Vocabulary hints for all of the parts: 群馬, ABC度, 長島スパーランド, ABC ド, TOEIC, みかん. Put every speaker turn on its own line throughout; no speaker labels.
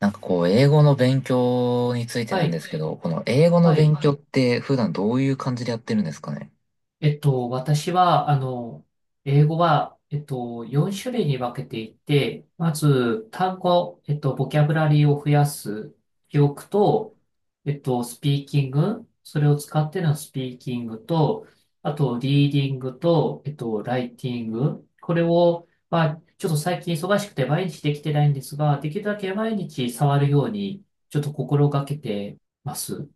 なんかこう、英語の勉強について
は
なんで
い、
すけど、この英語の
は
勉
い。
は強いって普段どういう感じでやってるんですかね。
私は、英語は、4種類に分けていて、まず、単語、ボキャブラリーを増やす、記憶と、スピーキング、それを使ってのスピーキングと、あと、リーディングと、ライティング、これを、まあ、ちょっと最近忙しくて毎日できてないんですが、できるだけ毎日触るように、ちょっと心がけてます。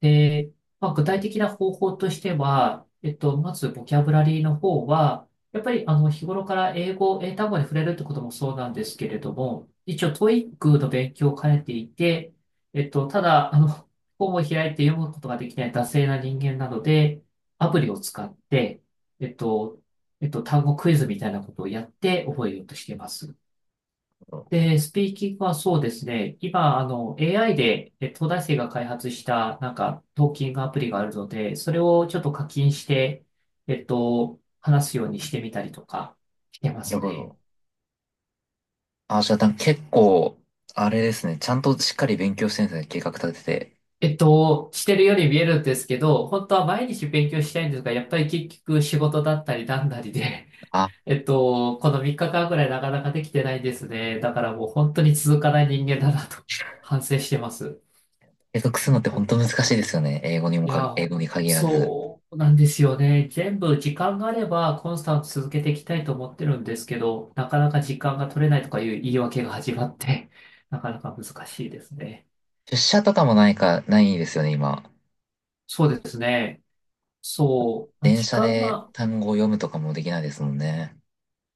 で、まあ、具
は
体
い。
的な方法としては、まずボキャブラリーの方は、やっぱりあの日頃から英語、英単語に触れるってこともそうなんですけれども、一応 TOEIC の勉強を兼ねていて、ただ、本を開いて読むことができない惰性な人間なので、アプリを使って、えっと、単語クイズみたいなことをやって覚えようとしています。で、スピーキングはそうですね。今、AI で、え東大生が開発した、なんか、トーキングアプリがあるので、それをちょっと課金して、話すようにしてみたりとか、してま
なる
す
ほ
ね。
ど。あ、じゃあなんか結構、あれですね、ちゃんとしっかり勉強してるんですね、計画立てて。
してるように見えるんですけど、本当は毎日勉強したいんですが、やっぱり結局仕事だったりなんだりで、
あ、
この3日間ぐらいなかなかできてないですね。だからもう本当に続かない人間だなと反省してます。
継続するのっ
本
て
当
本当
に。
難しいですよね。
い
英
や、
語に限らず。
そうなんですよね。全部時間があればコンスタント続けていきたいと思ってるんですけど、なかなか時間が取れないとかいう言い訳が始まって、なかなか難しいですね。
出社とかもないか、ないですよね、今。
そうですね。そう。まあ
電
時
車
間
で
が、
単語を読むとかもできないですもんね。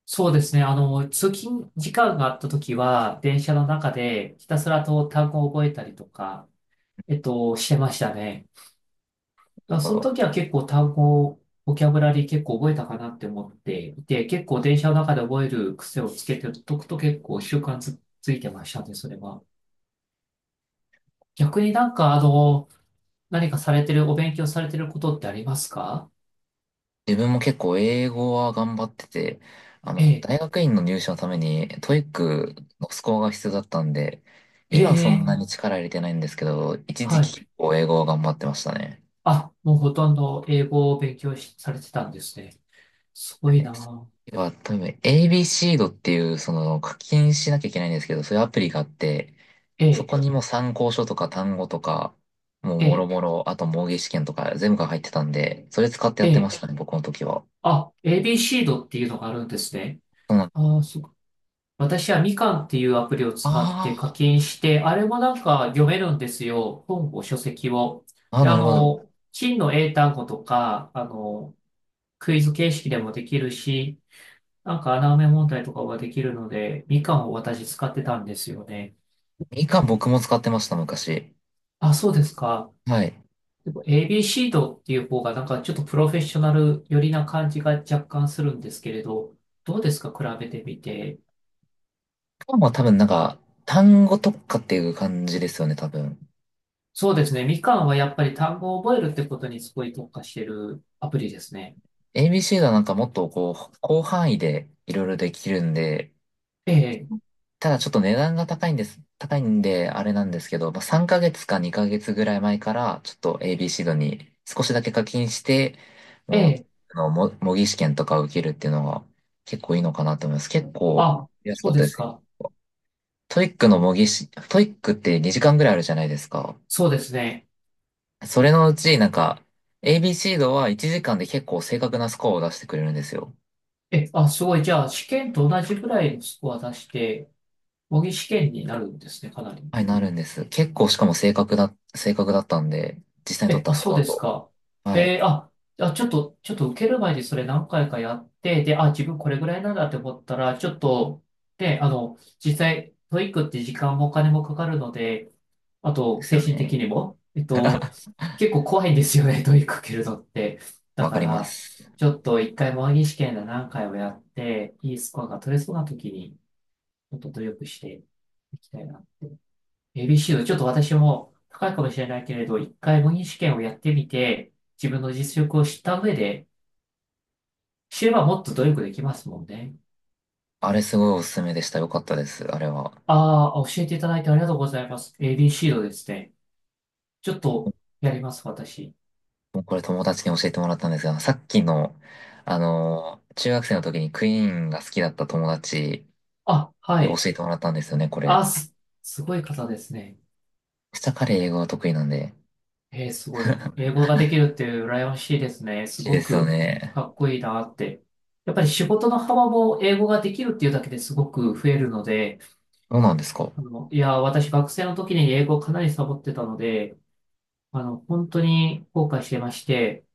そうですね。あの、通勤時間があった時は、電車の中でひたすらと単語を覚えたりとか、してましたね。だから
な
そ
る
の
ほど。
時は結構単語、ボキャブラリー結構覚えたかなって思っていて、結構電車の中で覚える癖をつけておくと結構習慣つ、ついてましたね、それは。逆になんかあの、何かされてる、お勉強されてることってありますか？
自分も結構英語は頑張ってて、
ええ、
大学院の入試のためにトイックのスコアが必要だったんで、
え
今はそんな
え、
に力入れてないんですけど、一時
は
期
い。
結構英語は頑張ってましたね。
あ、もうほとんど英語を勉強し、されてたんですね。す
は
ごい
い。
なぁ。
要は、多分 ABC ドっていう、その課金しなきゃいけないんですけど、そういうアプリがあって、
え
そ
え、
こにもう参考書とか単語とか、もう
え
もろ
え、
もろ、あと模擬試験とか全部が入ってたんで、それ使ってや
え
ってま
え、
したね、僕の時は。
あ、ABC ドっていうのがあるんですね。
そうなん
ああ、す私はみかんっていうアプリを使って
あ
課金して、あれもなんか読めるんですよ。本を、書籍を。
あ、ああ、
で、
なるほど。
真の英単語とか、クイズ形式でもできるし、なんか穴埋め問題とかができるので、みかんを私使ってたんですよね。
みかん僕も使ってました、昔。
あ、そうですか。
はい。
でも ABC ドっていう方がなんかちょっとプロフェッショナル寄りな感じが若干するんですけれど、どうですか比べてみて。
みかんは多分なんか、単語特化っていう感じですよね、多分。
そうですね。みかんはやっぱり単語を覚えるってことにすごい特化してるアプリですね。
ABC はなんかもっとこう、広範囲でいろいろできるんで、
ええ、
ただちょっと値段が高いんです。高いんで、あれなんですけど、まあ、3ヶ月か2ヶ月ぐらい前から、ちょっと ABC 度に少しだけ課金して、
え
もう、
え、
模擬試験とか受けるっていうのが結構いいのかなと思います。結構
あ、
安か
そう
っ
で
たで
す
すよ。
か。
トイックって2時間ぐらいあるじゃないですか。
そうですね。
それのうち、なんか、ABC 度は1時間で結構正確なスコアを出してくれるんですよ。
え、あ、すごい。じゃあ、試験と同じぐらいのスコア出して、模擬試験になるんですね、かなり。
はい、なるんです。結構しかも正確だったんで、実際に取っ
え、
た
あ、
ス
そう
コア
です
と。
か。
はい。
えーあ、あ、ちょっと受ける前にそれ何回かやって、で、あ、自分これぐらいなんだって思ったら、ちょっと、で、実際、トイックって時間もお金もかかるので、あ
で
と、
す
精
よ
神的
ね。
にも、結構怖いんですよね、問いかけるのって。だ
わ
か
かりま
ら、
す。
ちょっと一回模擬試験で何回もやって、いいスコアが取れそうな時に、ちょっと努力していきたいなって。ABC のちょっと私も高いかもしれないけれど、一回模擬試験をやってみて、自分の実力を知った上で、知ればもっと努力できますもんね。
あれすごいおすすめでした。よかったです。あれは。
ああ、教えていただいてありがとうございます。ABC のですね。ちょっとやります、私。
もうこれ友達に教えてもらったんですが、さっきの、中学生の時にクイーンが好きだった友達
あ、は
に教
い。
えてもらったんですよね、これ。
あ、す、すごい方ですね。
下彼英語が得意なんで。
えー、すごい。英語ができるっていう羨ましいですね。す
いいで
ご
すよ
く
ね。
かっこいいなって。やっぱり仕事の幅も英語ができるっていうだけですごく増えるので、
そうなんですか。
いや、私学生の時に英語をかなりサボってたので、本当に後悔してまして、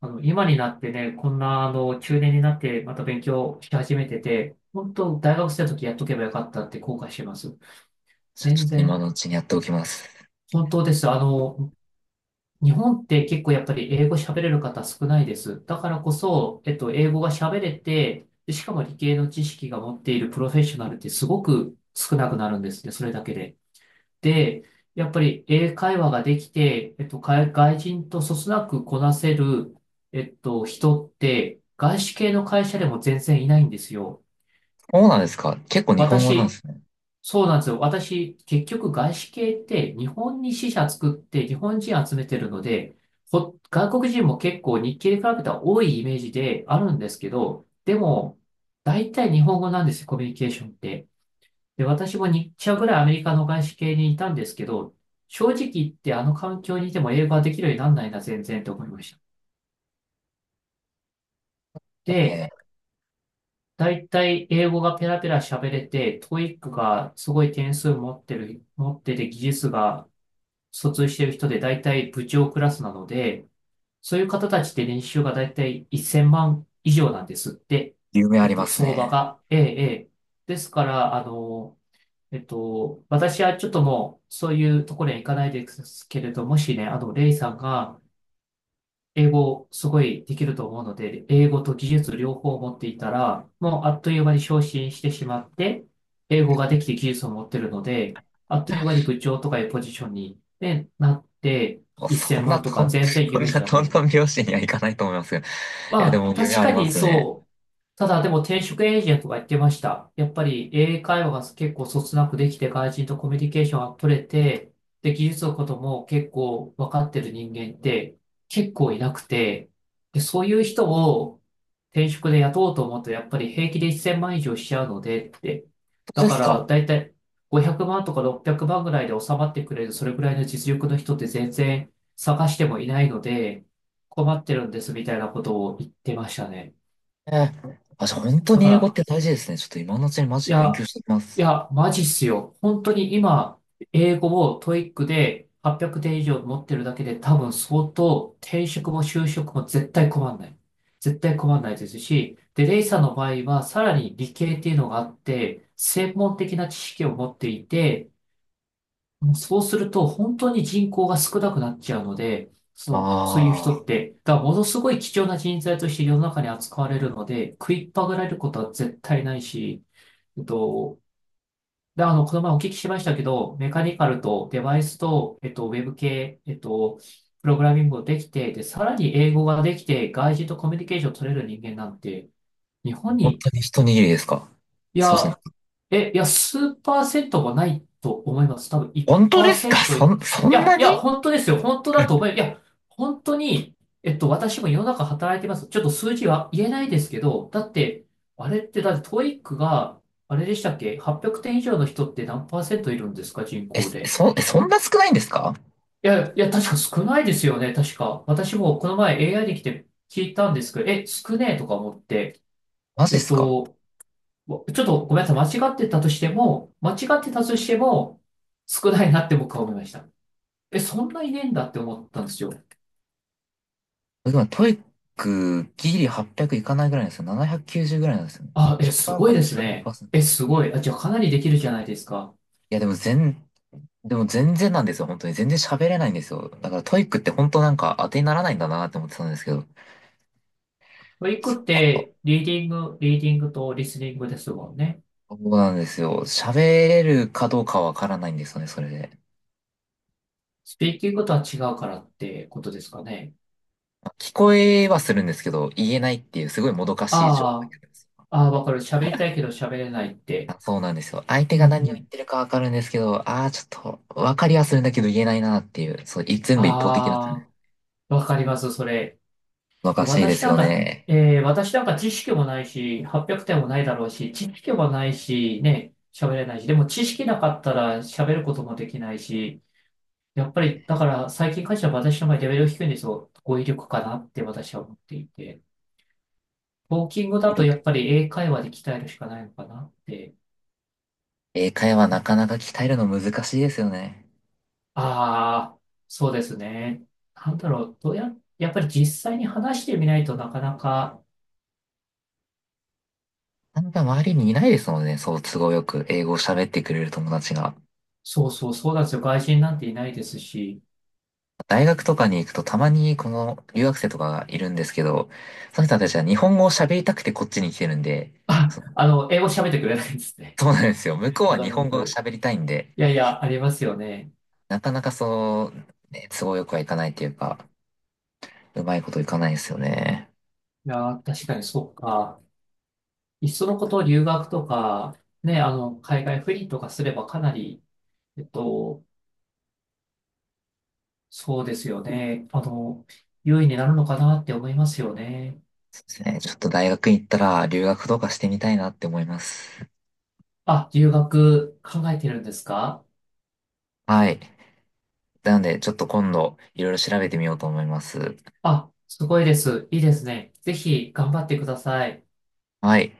今になってね、こんな、中年になってまた勉強し始めてて、本当、大学生の時やっとけばよかったって後悔してます。
じゃあち
全
ょっと今
然、
のうちにやっておきます。
本当です。日本って結構やっぱり英語喋れる方少ないです。だからこそ、英語が喋れて、でしかも理系の知識が持っているプロフェッショナルってすごく少なくなるんですね、それだけで。で、やっぱり英会話ができて、外人とそつなくこなせる、人って、外資系の会社でも全然いないんですよ。
そうなんですか。結構日本語なんで
私、
すね。
そうなんですよ。私、結局外資系って日本に支社作って日本人集めてるので、外国人も結構日系で比べたら多いイメージであるんですけど、でも、大体日本語なんですよ、コミュニケーションって。で、私も2社ぐらいアメリカの外資系にいたんですけど、正直言ってあの環境にいても英語ができるようになんないな、全然と思いました。で、
ね
大体英語がペラペラ喋れて、トーイックがすごい点数持ってる、持ってて技術が卒してる人で大体部長クラスなので、そういう方たちって年収が大体1000万以上なんですって。
え、有名あります
相場
ね。
が。ええ、ええ。ですから、私はちょっともう、そういうところには行かないですけれど、もしね、レイさんが、英語すごいできると思うので、英語と技術両方持っていたら、もうあっという間に昇進してしまって、英語ができて技術を持ってるので、あっという間に部長とかいうポジションに、ね、なって、
あそ
1000
んな
万と
と
か
ん、
全然
そん
夢
な
じゃ
ト
な
ン
い。
トン拍子にはいかないと思いますけど。いや、で
まあ、
も有名
確
あ
か
りま
に
すね。
そう。ただ、でも転職エージェントが言ってました。やっぱり英会話が結構そつなくできて、外人とコミュニケーションが取れて、で、技術のことも結構分かってる人間って結構いなくて、で、そういう人を転職で雇おうと思うと、やっぱり平気で1000万以上しちゃうのでって。
そ
だ
うで
か
す
ら、
か。
だいたい500万とか600万ぐらいで収まってくれる、それぐらいの実力の人って全然探してもいないので、困ってるんですみたいなことを言ってましたね。
ええ。あ、じゃあ本当
だ
に
か
英語っ
ら、
て大事ですね。ちょっと今のうちにマ
い
ジで勉強
や、
してきま
い
す。
や、マジっすよ。本当に今、英語を TOEIC で800点以上持ってるだけで多分相当転職も就職も絶対困んない。絶対困んないですし、で、レイさんの場合はさらに理系っていうのがあって、専門的な知識を持っていて、そうすると、本当に人口が少なくなっちゃうので、そういう
あ
人っ
あ、
て、がものすごい貴重な人材として世の中に扱われるので、食いっぱぐられることは絶対ないし、えっと、で、この前お聞きしましたけど、メカニカルとデバイスと、ウェブ系、プログラミングをできて、で、さらに英語ができて、外人とコミュニケーションを取れる人間なんて、日本
本
に、
当に一握りですか。
い
そうそう。
や、いや、数パーセントもないと思います。多分
本当ですか、
1%。い
そん
や、
な
いや、
に。
本当ですよ。本当だと思い、いや、本当に、私も世の中働いてます。ちょっと数字は言えないですけど、だって、あれって、だってト o イックが、あれでしたっけ ?800 点以上の人って何パーセントいるんですか人
え、
口で。
そんな少ないんですか。
いや、いや、確か少ないですよね。確か。私もこの前 AI で来て聞いたんですけど、少ねえとか思って。
マジ
え
で
っ
すか。
と、もうちょっとごめんなさい。間違ってたとしても、間違ってたとしても、少ないなって僕は思いました。そんな遺伝だって思ったんですよ。
今、トイックギリ800いかないぐらいなんですよ。790ぐらいなんですよね。
あ、
1
す
か
ごい
ら
です
じゅうごパ
ね。
ーセント。
え、すごい。あ、じゃあかなりできるじゃないですか。
いや、でも全然なんですよ、本当に。全然喋れないんですよ。だからトイックって本当なんか当てにならないんだなって思ってたんですけど。
トリッ
そっ
クっ
か。
て、リーディングとリスニングですもんね。
そうなんですよ。喋れるかどうかわからないんですよね、それで。
スピーキングとは違うからってことですかね。
まあ聞こえはするんですけど、言えないっていう、すごいもどかしい状態
あ
になります。
わかる。喋りたいけど喋れないって。
あ、そうなんですよ。相手
うんう
が何を言っ
ん。
てるかわかるんですけど、ああ、ちょっと、わかりはするんだけど言えないなっていう、そう、い全部一方的なっ
あ
ね。
あ、わかります、それ。
もどかしいで
私
す
なん
よ
か、
ね。
私なんか知識もないし、800点もないだろうし、知識もないし、ね、喋れないし、でも知識なかったら喋ることもできないし、やっぱり、だから最近会社は私の場合レベル低いんですよ。語彙力かなって私は思っていて。トーキングだとやっぱり英会話で鍛えるしかないのかなって。
英会話なかなか鍛えるの難しいですよね。
ああ、そうですね。なんだろう、どうや、やっぱり実際に話してみないとなかなか、
あんか周りにいないですもんね。そう、都合よく英語を喋ってくれる友達が。
そうそう、そうなんですよ。外人なんていないですし、
大学とかに行くとたまにこの留学生とかがいるんですけど、その人たちは日本語を喋りたくてこっちに来てるんで、
あ、
そ
英語喋ってくれないんですね。
そうなんですよ。向こ う
わ
は
か
日
るわ
本語
か
が
る。
喋りたいんで、
いやいや、ありますよね。
なかなかそう、ね、都合よくはいかないっていうか、うまいこといかないですよね。
いやー、確かにそうか。いっそのこと留学とか、ね、海外赴任とかすればかなり、えっと、そうですよね。優位になるのかなって思いますよね。
そうですね。ちょっと大学行ったら留学とかしてみたいなって思います。
あ、留学考えてるんですか？
はい。なので、ちょっと今度いろいろ調べてみようと思います。
あ、すごいです。いいですね。ぜひ頑張ってください。
はい。